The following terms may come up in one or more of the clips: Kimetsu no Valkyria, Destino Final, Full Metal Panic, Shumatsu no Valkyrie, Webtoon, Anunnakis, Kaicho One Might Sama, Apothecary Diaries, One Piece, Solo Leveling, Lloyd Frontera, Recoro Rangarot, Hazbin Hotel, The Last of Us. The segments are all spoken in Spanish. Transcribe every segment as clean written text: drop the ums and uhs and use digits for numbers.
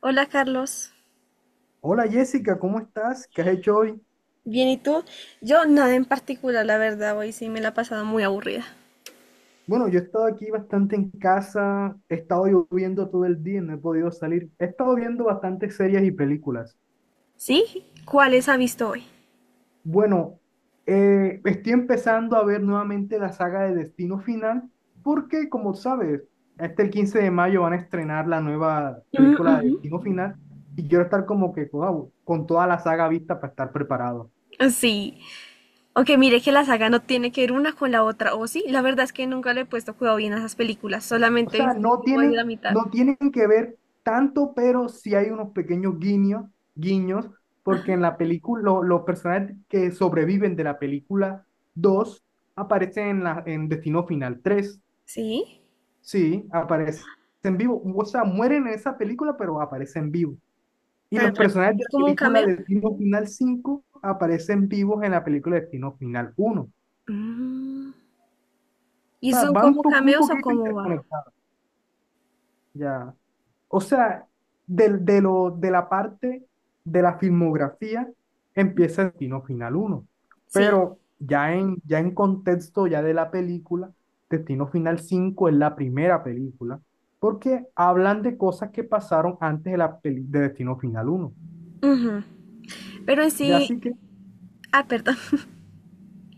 Hola Carlos, Hola Jessica, ¿cómo estás? ¿Qué has hecho hoy? bien y tú? Yo nada en particular, la verdad, hoy sí me la he pasado muy aburrida. Bueno, yo he estado aquí bastante en casa, he estado lloviendo todo el día, no he podido salir. He estado viendo bastantes series y películas. ¿Sí? ¿Cuáles ha visto hoy? Bueno, estoy empezando a ver nuevamente la saga de Destino Final, porque como sabes, hasta el 15 de mayo van a estrenar la nueva Mm, película de ujú. Destino Final y quiero estar como que wow, con toda la saga vista para estar preparado. Sí, aunque mire que la saga no tiene que ver una con la otra, o sí, la verdad es que nunca le he puesto cuidado bien a esas películas, O solamente sea, viste no como de la tiene, mitad. no tienen que ver tanto, pero sí hay unos pequeños guiños, porque en la película, los personajes que sobreviven de la película 2 aparecen en Destino Final tres. ¿Sí? Sí, aparecen vivo. O sea, mueren en esa película, pero aparecen vivos. Y Tan los raro. personajes de ¿Es la como un película cameo? Destino Final cinco aparecen vivos en la película Destino Final uno. O Mm. ¿Y sea, son van como un cameos o poquito cómo va? interconectados. Ya. O sea, de la parte de la filmografía empieza Destino Final uno, Sí. pero ya en contexto ya de la película, Destino Final cinco es la primera película, porque hablan de cosas que pasaron antes de Destino Final uno. Ujú. Pero en Ya sí, así que, ah, perdón.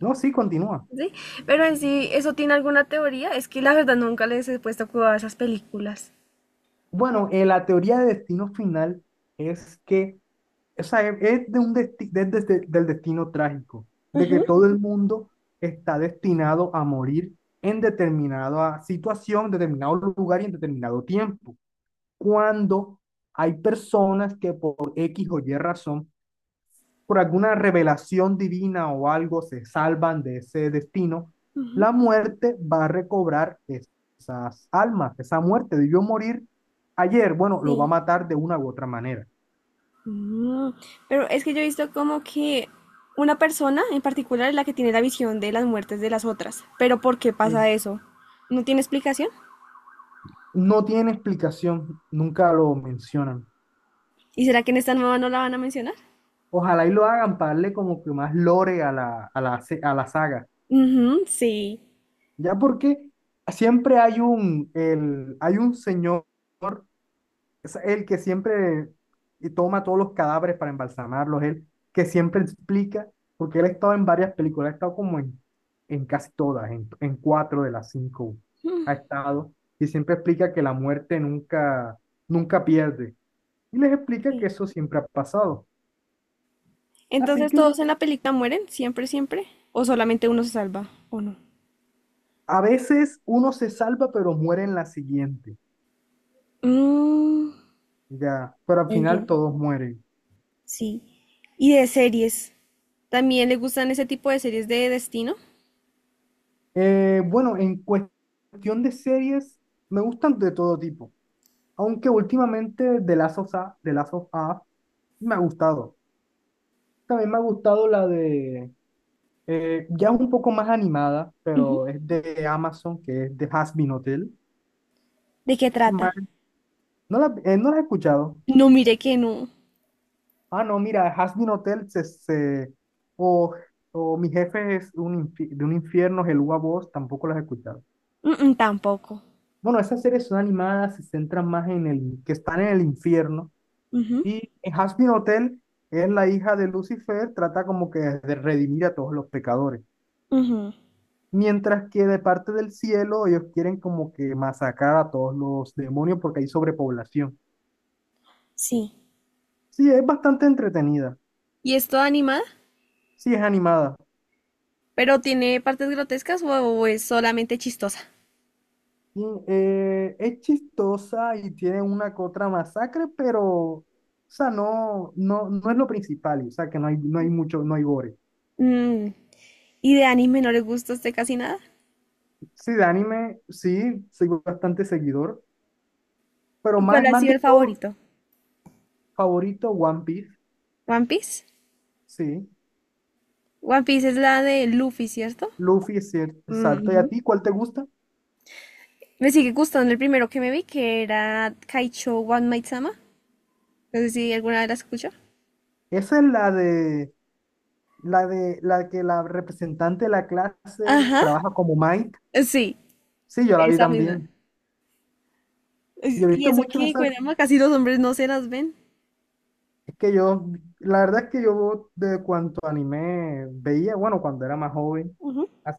no, sí, continúa. Sí, pero en sí, ¿eso tiene alguna teoría? Es que la verdad nunca les he puesto cuidado a esas películas. Bueno, la teoría de Destino Final es que, o sea, es de un del destino trágico, de que todo el mundo está destinado a morir en determinada situación, determinado lugar y en determinado tiempo. Cuando hay personas que por X o Y razón, por alguna revelación divina o algo, se salvan de ese destino, la muerte va a recobrar esas almas, esa muerte de yo morir ayer, bueno, lo va a Sí. matar de una u otra manera. Mm. Pero es que yo he visto como que una persona en particular es la que tiene la visión de las muertes de las otras. Pero ¿por qué pasa eso? ¿No tiene explicación? No tiene explicación, nunca lo mencionan. ¿Y será que en esta nueva no la van a mencionar? Ojalá y lo hagan para darle como que más lore a la saga. Ujú, sí. Ya porque siempre hay un señor, es el que siempre toma todos los cadáveres para embalsamarlos, él que siempre explica, porque él ha estado en varias películas, ha estado como en casi todas, en cuatro de las cinco Mm, ha estado, y siempre explica que la muerte nunca pierde. Y les explica sí. que eso siempre ha pasado. Así Entonces que todos en la película mueren, siempre, siempre. ¿O solamente uno se salva? ¿O no? a veces uno se salva, pero muere en la siguiente. Mm, Ya, pero al final entiendo. todos mueren. Sí. Y de series. ¿También le gustan ese tipo de series de destino? Bueno, en cuestión de series, me gustan de todo tipo. Aunque últimamente de Last of Us, The Last of Us me ha gustado. También me ha gustado la de, ya un poco más animada, Ujú. pero es de Amazon, que es de Hazbin Hotel. ¿De qué trata? Ma- No no la he escuchado. No, mire que no. Ah, no, mira, Has Been Hotel o, o Mi jefe es un de un infierno, el Voz, tampoco las he escuchado. Mm, mm, tampoco. Bueno, esas series son animadas, se centran más en el, que están en el infierno. Ujú. Y en Has Been Hotel es la hija de Lucifer, trata como que de redimir a todos los pecadores. Ujú, Mientras que de parte del cielo ellos quieren como que masacrar a todos los demonios porque hay sobrepoblación. sí. Sí, es bastante entretenida. ¿Y es toda animada? Sí, es animada. ¿Pero tiene partes grotescas o es solamente chistosa? Y, es chistosa y tiene una que otra masacre, pero, o sea, no es lo principal, o sea, que no hay mucho, no hay gore. Mm, ¿Y de anime no le gusta a usted casi nada? Sí, de anime, sí, soy bastante seguidor, pero ¿Y cuál más, ha más sido de el todo, favorito? favorito One Piece, ¿One Piece? sí, One Piece es la de Luffy, ¿cierto? Luffy es cierto, Mm, exacto. ¿Y ujú. a ti cuál te gusta? Me sigue gustando el primero que me vi, que era Kaicho One Might Sama. No sé si alguna vez la escuchó. Esa es la que la representante de la clase Ajá. trabaja como Mike, Sí, sí, yo la vi esa misma. también. Yo he Y visto eso muchos, que, caramba, casi los hombres no se las ven. es que yo, la verdad es que yo de cuanto anime veía, bueno, cuando era más joven, Ujú. as-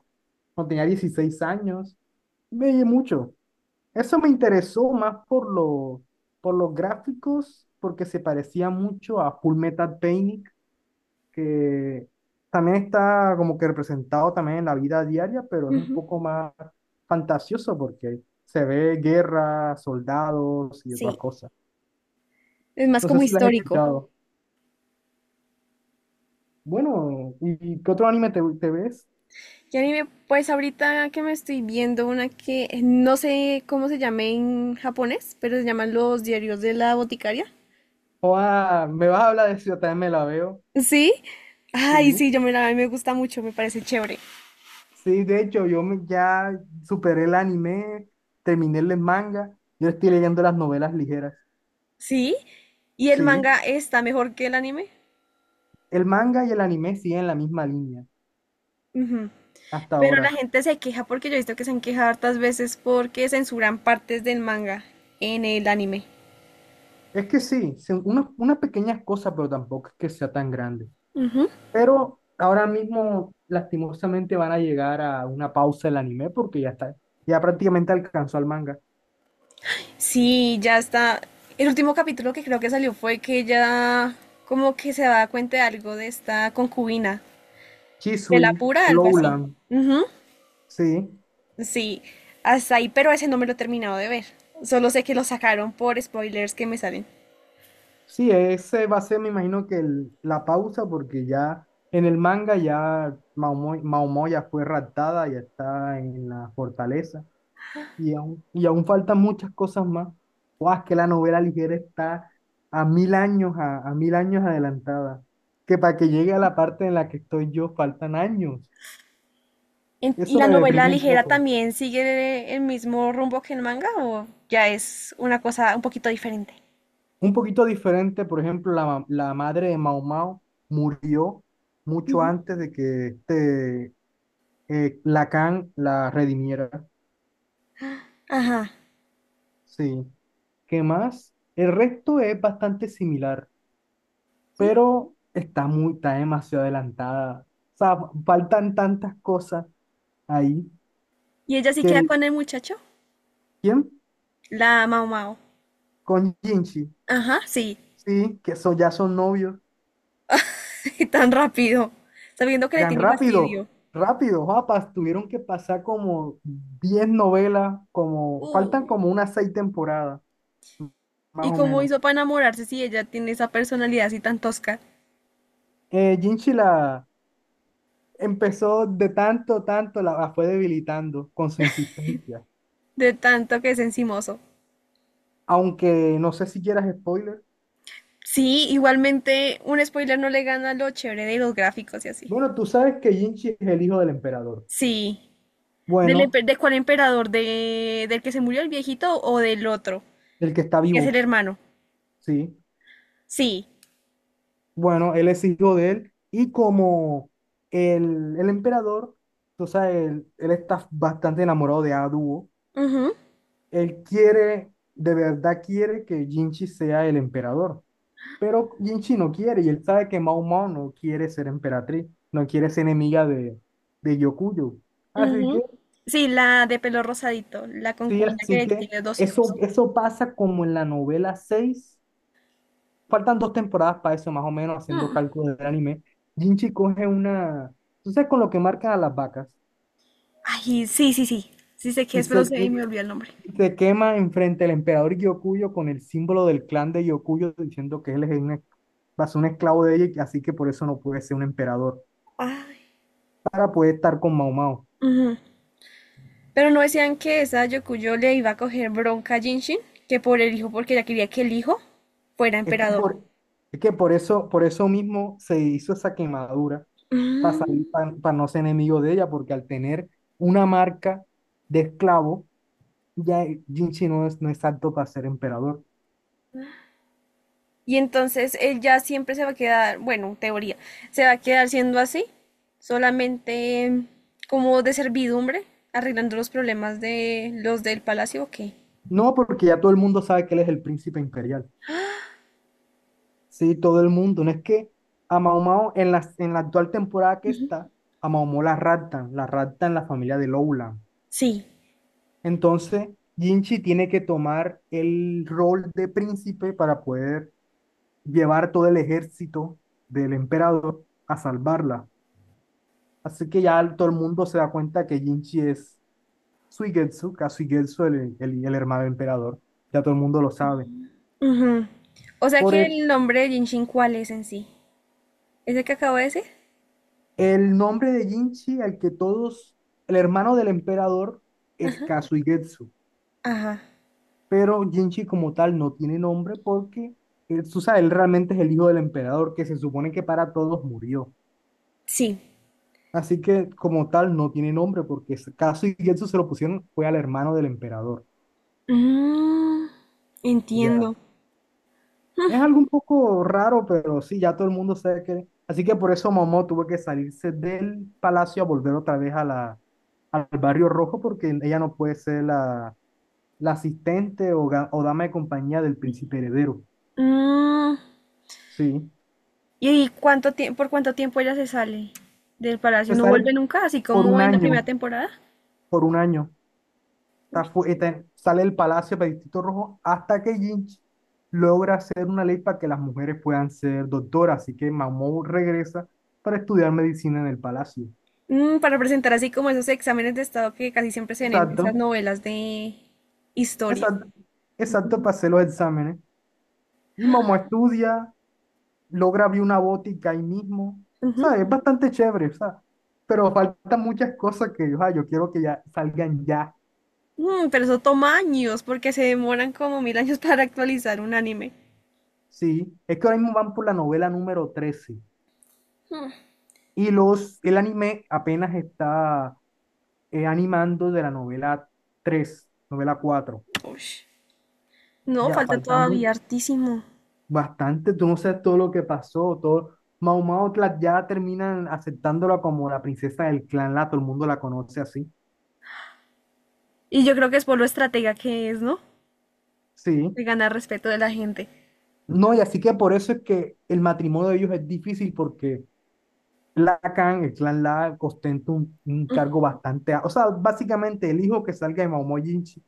cuando tenía 16 años, veía mucho. Eso me interesó más por los gráficos, porque se parecía mucho a Full Metal Panic, que también está como que representado también en la vida diaria, pero es un Ujú. poco más fantasioso porque se ve guerra, soldados y otras Sí. cosas. Es más No sé como si las has histórico. escuchado. Bueno, ¿y qué otro anime te ves? Y anime, pues ahorita que me estoy viendo una que no sé cómo se llame en japonés, pero se llaman los diarios de la boticaria. Joda, me vas a hablar de eso, yo también me la veo. Sí. Ay, Sí, sí, yo me la, a mí me gusta mucho, me parece chévere. sí, de hecho, ya superé el anime, terminé el manga, yo estoy leyendo las novelas ligeras. ¿Sí? ¿Y el manga Sí, está mejor que el anime? el manga y el anime siguen la misma línea Ujú. hasta Pero la ahora. gente se queja porque yo he visto que se han quejado hartas veces porque censuran partes del manga en el anime. Es que sí, son unas pequeñas cosas, pero tampoco es que sea tan grande. Ujú. Pero ahora mismo, lastimosamente, van a llegar a una pausa el anime porque ya está, ya prácticamente alcanzó al manga. Sí, ya está. El último capítulo que creo que salió fue que ella como que se da cuenta de algo de esta concubina, de la Chisui, pura, algo así. Lowland. Ujú, Sí, sí, hasta ahí, pero ese no me lo he terminado de ver. Solo sé que lo sacaron por spoilers que me salen. sí, ese va a ser, me imagino que la pausa, porque ya en el manga ya Maomo ya fue raptada, ya está en la fortaleza, y aún faltan muchas cosas más. Guau, es que la novela ligera está a mil años, a mil años adelantada, que para que llegue a la parte en la que estoy yo faltan años. ¿Y Eso la me novela deprime un ligera poco. también sigue el mismo rumbo que el manga o ya es una cosa un poquito diferente? Un poquito diferente, por ejemplo, la madre de Mao Mao murió mucho antes de que Lacan la redimiera, Ajá, sí. ¿Qué más? El resto es bastante similar, sí. pero está está demasiado adelantada. O sea, faltan tantas cosas ahí Y ella sí que queda con el muchacho, ¿quién? la Mao Mao. Con Jinchi, Ajá, sí. sí, ya son novios. Tan rápido, sabiendo que le Vean, tiene rápido, fastidio. rápido, papas, tuvieron que pasar como 10 novelas, como, faltan Uy. como unas 6 temporadas, más ¿Y o cómo menos. hizo para enamorarse si ella tiene esa personalidad así tan tosca, Jinchi la empezó de tanto, tanto, la fue debilitando con su insistencia. de tanto que es encimoso? Aunque no sé si quieras spoiler. Sí, igualmente un spoiler no le gana lo chévere de los gráficos y así. Bueno, tú sabes que Jinchi es el hijo del emperador. Sí. Bueno, De cuál emperador? ¿De, del que se murió el viejito o del otro? el que está Que es el vivo, hermano. sí. Sí. Bueno, él es hijo de él. Y como el emperador, tú sabes, él está bastante enamorado de Aduo. Ujú. Él quiere, de verdad quiere que Jinchi sea el emperador. Pero Jinchi no quiere y él sabe que Mao Mao no quiere ser emperatriz, no quiere ser enemiga de Yokuyo. Así que, Ujú. Sí, la de pelo rosadito, la sí, concubina que así ahorita que tiene dos eso, hijos. eso pasa como en la novela 6. Faltan 2 temporadas para eso, más o menos, haciendo Mm. cálculos del anime. Jinchi coge una, tú sabes, con lo que marcan a las vacas Ay, sí, sí, sí. Sí sé que y es, pero se, se que, me olvidó el nombre. y se quema enfrente del emperador Yokuyo con el símbolo del clan de Yokuyo diciendo que él va a ser un esclavo de ella y así que por eso no puede ser un emperador, Ay. para poder estar con Mao Mao. Ujú. Pero no decían que esa Yokuyo le iba a coger bronca a Jinshin, que por el hijo, porque ella quería que el hijo fuera Es que emperador. por, es que por eso mismo se hizo esa quemadura para Mm. salir, no ser enemigo de ella, porque al tener una marca de esclavo, ya Jinchi no es apto para ser emperador. Y entonces él ya siempre se va a quedar, bueno, teoría, se va a quedar siendo así, solamente como de servidumbre, arreglando los problemas de los del palacio, ¿o qué? No, porque ya todo el mundo sabe que él es el príncipe imperial. Sí, todo el mundo. No es que a Mao Mao, en la actual temporada que está, a Mao Mao la raptan la familia de Lowland. Sí. Entonces, Jinchi tiene que tomar el rol de príncipe para poder llevar todo el ejército del emperador a salvarla. Así que ya todo el mundo se da cuenta que Jinchi es Kasuigetsu, el hermano del emperador. Ya todo el mundo lo sabe. Ujú. O sea Por que el nombre de Genshin, ¿cuál es en sí? ¿Es el que acabo de decir? el nombre de Jinchi, al que todos, el hermano del emperador, es Kasuigetsu, Ajá. pero Jinchi como tal no tiene nombre porque él, tú sabes, él realmente es el hijo del emperador que se supone que para todos murió. Sí. Así que como tal no tiene nombre porque ese caso y eso se lo pusieron fue al hermano del emperador. Mm, Ya. entiendo. Es algo un poco raro, pero sí, ya todo el mundo sabe que... Así que por eso Momo tuvo que salirse del palacio a volver otra vez a al barrio rojo porque ella no puede ser la asistente o dama de compañía del príncipe heredero. Mm, Sí. ¿Y cuánto tiempo, por cuánto tiempo ella se sale del palacio? Se ¿No sale vuelve nunca? Así por como un en la primera año, temporada. por un año. Está sale del palacio para Distrito Rojo hasta que Lynch logra hacer una ley para que las mujeres puedan ser doctoras. Así que Mamou regresa para estudiar medicina en el palacio. Para presentar así como esos exámenes de estado que casi siempre se ven en esas Exacto, novelas de historia. exacto, exacto, Ujú. para hacer los exámenes. Y Momo estudia, logra abrir una botica ahí mismo. O Ujú. sea, es bastante chévere, o sea, pero faltan muchas cosas que, o sea, yo quiero que ya salgan ya. Pero eso toma años porque se demoran como mil años para actualizar un anime. Sí, es que ahora mismo van por la novela número 13 y el anime apenas está animando de la novela 3, novela 4 Ush. No, Ya, falta falta todavía mucho, hartísimo. bastante, tú no sabes todo lo que pasó, todo. Mau Mau ya terminan aceptándola como la princesa del clan La, todo el mundo la conoce así. Y yo creo que es por lo estratega que es, ¿no? Sí. De ganar respeto de la gente. No, y así que por eso es que el matrimonio de ellos es difícil porque La Khan, el clan La, ostenta un cargo bastante. A- O sea, básicamente el hijo que salga de Mau Mau Jinchi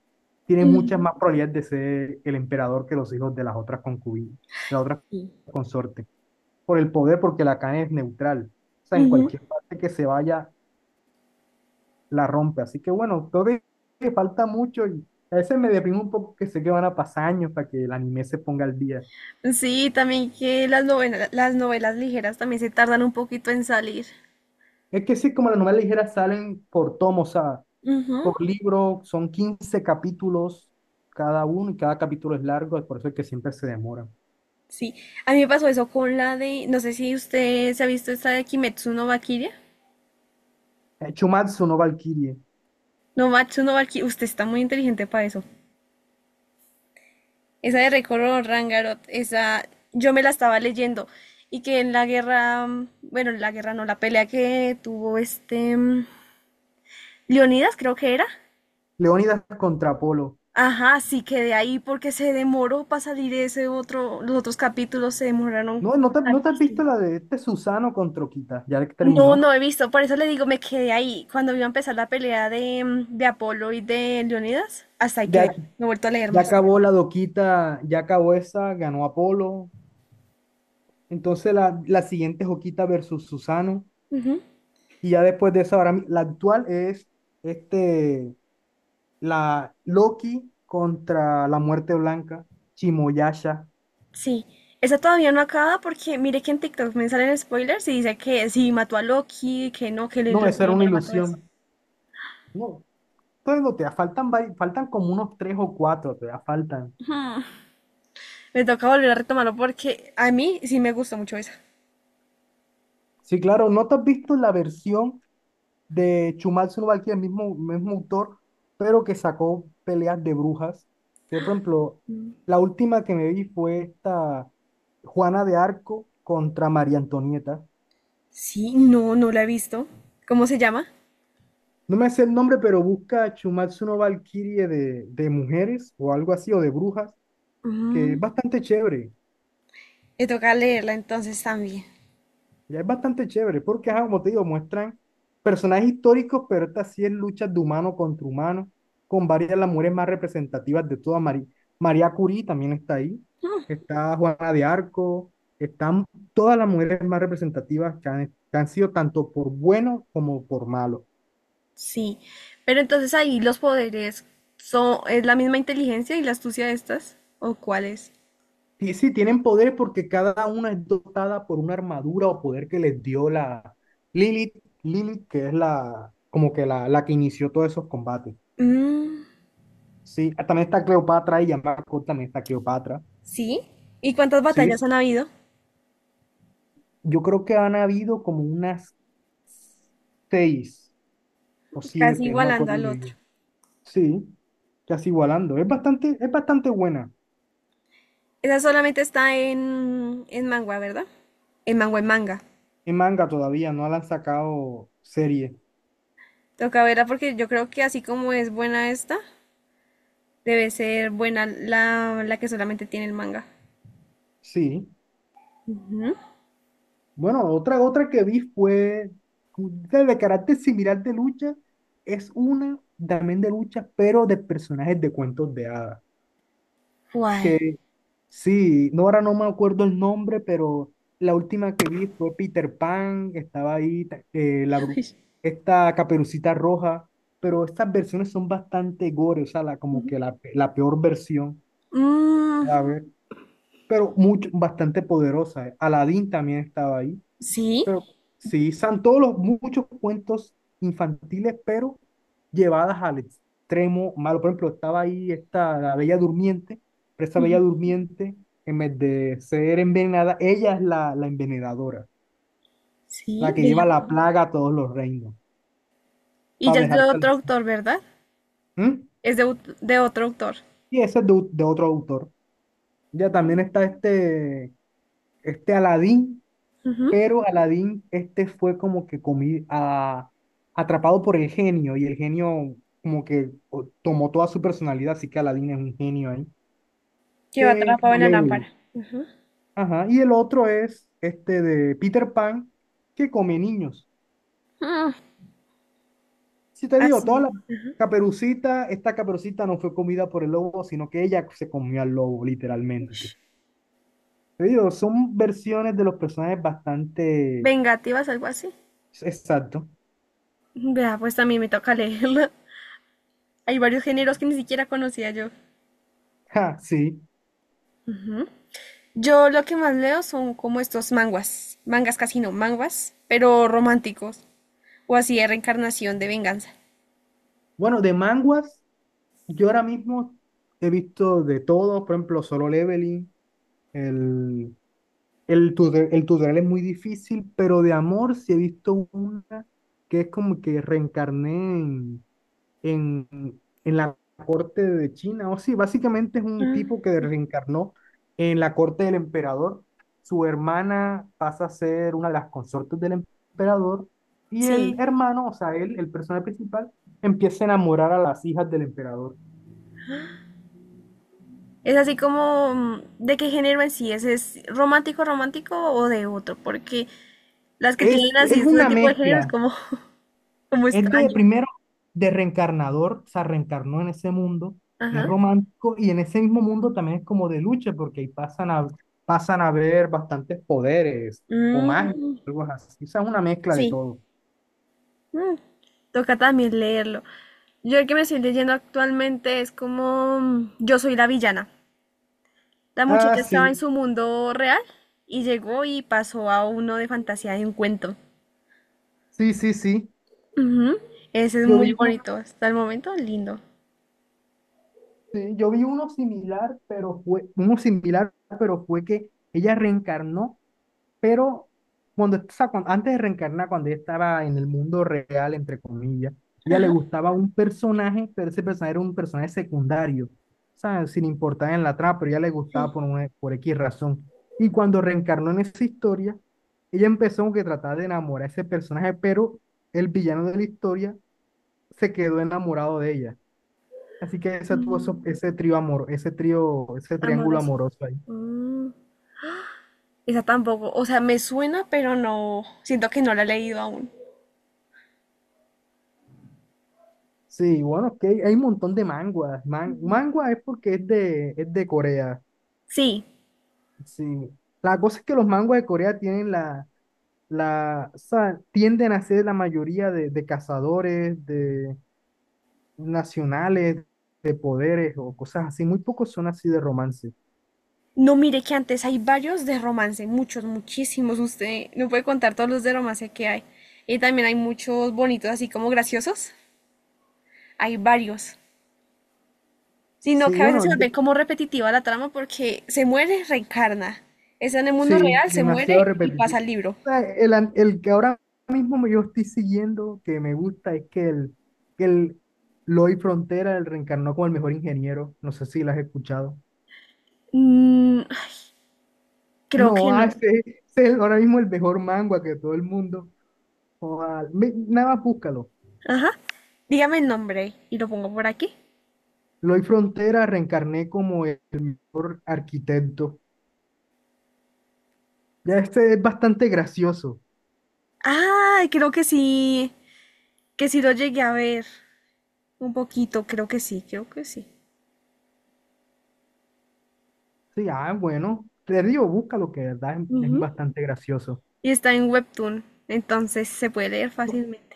tiene muchas más probabilidades de ser el emperador que los hijos de las otras concubinas, de las otras consortes. Por el poder, porque la Khan es neutral. O sea, en Ujú. cualquier parte que se vaya, la rompe. Así que bueno, creo que falta mucho y a veces me deprimo un poco que sé que van a pasar años para que el anime se ponga al día. Sí, también que las novelas ligeras también se tardan un poquito en salir. Es que sí, como las novelas ligeras salen por tomo, o sea, Ujú, por libro, son 15 capítulos cada uno y cada capítulo es largo, es por eso es que siempre se demora. sí, a mí me pasó eso con la de, no sé si usted se ha visto esta de Kimetsu no Valkyria. Chumatsu no Valkyrie, No, Matsu no Valkyria, usted está muy inteligente para eso. Esa de Recoro Rangarot, esa yo me la estaba leyendo y que en la guerra, bueno, en la guerra no, la pelea que tuvo este Leonidas creo que era. Leónidas contra Apolo. Ajá, sí quedé ahí porque se demoró para salir ese otro, los otros capítulos se demoraron No te has visto hartísimo. la de este Susano contra Okita, ya que No, terminó. no he visto, por eso le digo, me quedé ahí. Cuando iba a empezar la pelea de, de Apolo y de Leonidas, hasta ahí quedé. Ya No he vuelto a leer ya más. acabó la doquita, ya acabó esa, ganó Apolo. Entonces la siguiente es Oquita versus Susano. Ujú, Y ya después de esa, ahora mi- la actual es este, la Loki contra la Muerte Blanca, Chimoyasha. sí, esa todavía no acaba porque mire que en TikTok me salen spoilers y dice que sí mató a Loki, que no, No, esa era Loki no una lo mató eso. ilusión. No, entonces no, te faltan, vari- faltan como unos tres o cuatro, te faltan. Me toca volver a retomarlo porque a mí sí me gustó mucho esa. Sí, claro, ¿no te has visto la versión de Shumatsu no? El mismo autor, pero que sacó peleas de brujas, que por ejemplo, la última que me vi fue esta Juana de Arco contra María Antonieta. Sí, no, no la he visto. ¿Cómo se llama? No me sé el nombre, pero busca Shumatsu no Valkyrie de mujeres o algo así, o de brujas, que Mm, es bastante chévere. me toca leerla entonces también. Ya es bastante chévere, porque, ajá, como te digo, muestran personajes históricos, pero esta sí es lucha de humano contra humano, con varias de las mujeres más representativas de toda María. María Curie también está ahí, está Juana de Arco, están todas las mujeres más representativas que han sido tanto por bueno como por malo. Sí, pero entonces ahí los poderes son, es la misma inteligencia y la astucia de estas, ¿o cuáles? Y sí, tienen poderes porque cada una es dotada por una armadura o poder que les dio la Lilith, Lilith, que es como que la que inició todos esos combates. Es? Mm, Sí, ah, también está Cleopatra y Jean Marco también está Cleopatra. sí. ¿Y cuántas Sí, es- batallas han habido? yo creo que han habido como unas 6 o Casi 7, no me igualando acuerdo al muy otro. bien. Sí, casi igualando. Es bastante buena. Esa solamente está en manga, ¿verdad? En manga, en manga. En manga todavía, no la han sacado serie. Toca verla porque yo creo que así como es buena esta, debe ser buena la, la que solamente tiene el manga. Sí. Ujú. Bueno, otra que vi fue de carácter similar de lucha. Es una también de lucha, pero de personajes de cuentos de hadas. ¿Cuál? Sí, no, ahora no me acuerdo el nombre, pero la última que vi fue Peter Pan, estaba ahí ta- la, bru- esta Caperucita Roja, pero estas versiones son bastante gore, o sea, la, como que la, pe- la peor versión, Mm, a ver, pero mucho, bastante poderosa. Aladdin también estaba ahí. sí, Pero sí, son todos los muchos cuentos infantiles, pero llevadas al extremo malo. Por ejemplo, estaba ahí esta, la Bella Durmiente, pero esa Bella Durmiente, en vez de ser envenenada, ella es la envenenadora, la sí, que lleva vea. la plaga a todos los reinos, Y para ya es de dejártela otro así. autor, ¿verdad? ¿Mm? Es de, de otro autor. Y ese es de otro autor. Ya también está este, este Aladín. Ujú. Pero Aladdin, este fue como que comi- a- atrapado por el genio y el genio como que o- tomó toda su personalidad, así que Aladdin es un genio ahí. Que va Que atrapado en la malévolo. lámpara. Ajá. Y el otro es este de Peter Pan, que come niños. Mm, Si te digo, toda así. la caperucita, esta caperucita no fue comida por el lobo, sino que ella se comió al lobo, literalmente. Ush. Te digo, son versiones de los personajes bastante Vengativas, algo así. exacto. Vea, pues también me toca leerlo. Hay varios géneros que ni siquiera conocía yo. Ja, sí. Yo lo que más leo son como estos manguas. Mangas casi no, manguas, pero románticos. O así de reencarnación de venganza. Bueno, de manguas. Yo ahora mismo he visto de todo, por ejemplo, Solo Leveling, el, tutor- el tutorial es muy difícil, pero de amor sí he visto una que es como que reencarné en, en la corte de China, o sí, básicamente es un Mm, tipo que reencarnó en la corte del emperador, su hermana pasa a ser una de las consortes del emperador y el sí. hermano, o sea, él, el personaje principal, empieza a enamorar a las hijas del emperador. Es así como, ¿de qué género en sí es? ¿Es romántico, romántico o de otro? Porque las que tienen Es así este una tipo de género es mezcla. como, como Es de extraño. primero de reencarnador, se reencarnó en ese mundo, es Ajá. romántico y en ese mismo mundo también es como de lucha porque ahí pasan a, pasan a ver bastantes poderes o magia, Mm, algo así. O sea, es una mezcla de sí. todo. Mm, Toca también leerlo. Yo el que me estoy leyendo actualmente es como Yo soy la villana. La Ah, muchacha estaba en sí, su mundo real y llegó y pasó a uno de fantasía de un cuento. sí, sí, sí. Ujú. Ese es Yo vi muy uno, bonito. Hasta el momento, lindo. sí, yo vi uno similar, pero fue uno similar, pero fue que ella reencarnó. Pero cuando, o sea, cuan- antes de reencarnar, cuando ella estaba en el mundo real, entre comillas, ella le Ajá, gustaba un personaje, pero ese personaje era un personaje secundario, sabes sin importar en la trama, pero ella le gustaba por, sí. una- por X razón. Y cuando reencarnó en esa historia, ella empezó como que a tratar de enamorar a ese personaje, pero el villano de la historia se quedó enamorado de ella. Así que ese tuvo eso- ese trío amor, ese trío, ese triángulo Amoroso. amoroso ahí. Mm, Esa tampoco, o sea, me suena, pero no, siento que no la he leído aún. Sí, bueno, es que hay un montón de manguas. Man- mangua es porque es es de Corea. Sí, Sí. La cosa es que los manguas de Corea tienen o sea, tienden a ser la mayoría de cazadores, de nacionales, de poderes o cosas así. Muy pocos son así de romance. no mire que antes hay varios de romance, muchos, muchísimos. Usted no puede contar todos los de romance que hay. Y también hay muchos bonitos, así como graciosos. Hay varios. Sino Sí, que a veces bueno, se vuelve como repetitiva la trama porque se muere, reencarna. Está en el mundo sí, real, se demasiado muere y pasa repetitivo. al libro. O sea, el, an- el que ahora mismo yo estoy siguiendo, que me gusta, es que el Lloyd Frontera el reencarnó como el mejor ingeniero. No sé si lo has escuchado. Mm, creo que No, ah, no. Ese es el- ahora mismo el mejor manga que todo el mundo. O ah, ve- nada más búscalo. Ajá. Dígame el nombre y lo pongo por aquí. Lloyd Frontera reencarné como el mejor arquitecto. Ya este es bastante gracioso. Ay, creo que sí lo llegué a ver un poquito, creo que sí, creo que sí. Sí, ah, bueno, te digo, búscalo, que de verdad es Ujú. bastante gracioso. Y está en Webtoon, entonces se puede leer fácilmente.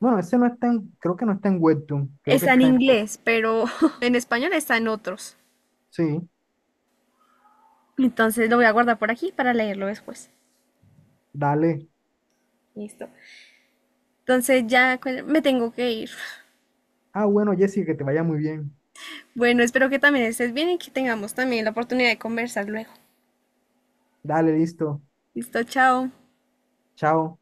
Bueno, ese no está en, creo que no está en Webtoon, creo que Está en está en... inglés, pero en español está en otros. Sí, Entonces lo voy a guardar por aquí para leerlo después. dale. Listo. Entonces ya me tengo que ir. Ah, bueno, Jessica, que te vaya muy bien. Bueno, espero que también estés bien y que tengamos también la oportunidad de conversar luego. Dale, listo. Listo, chao. Chao.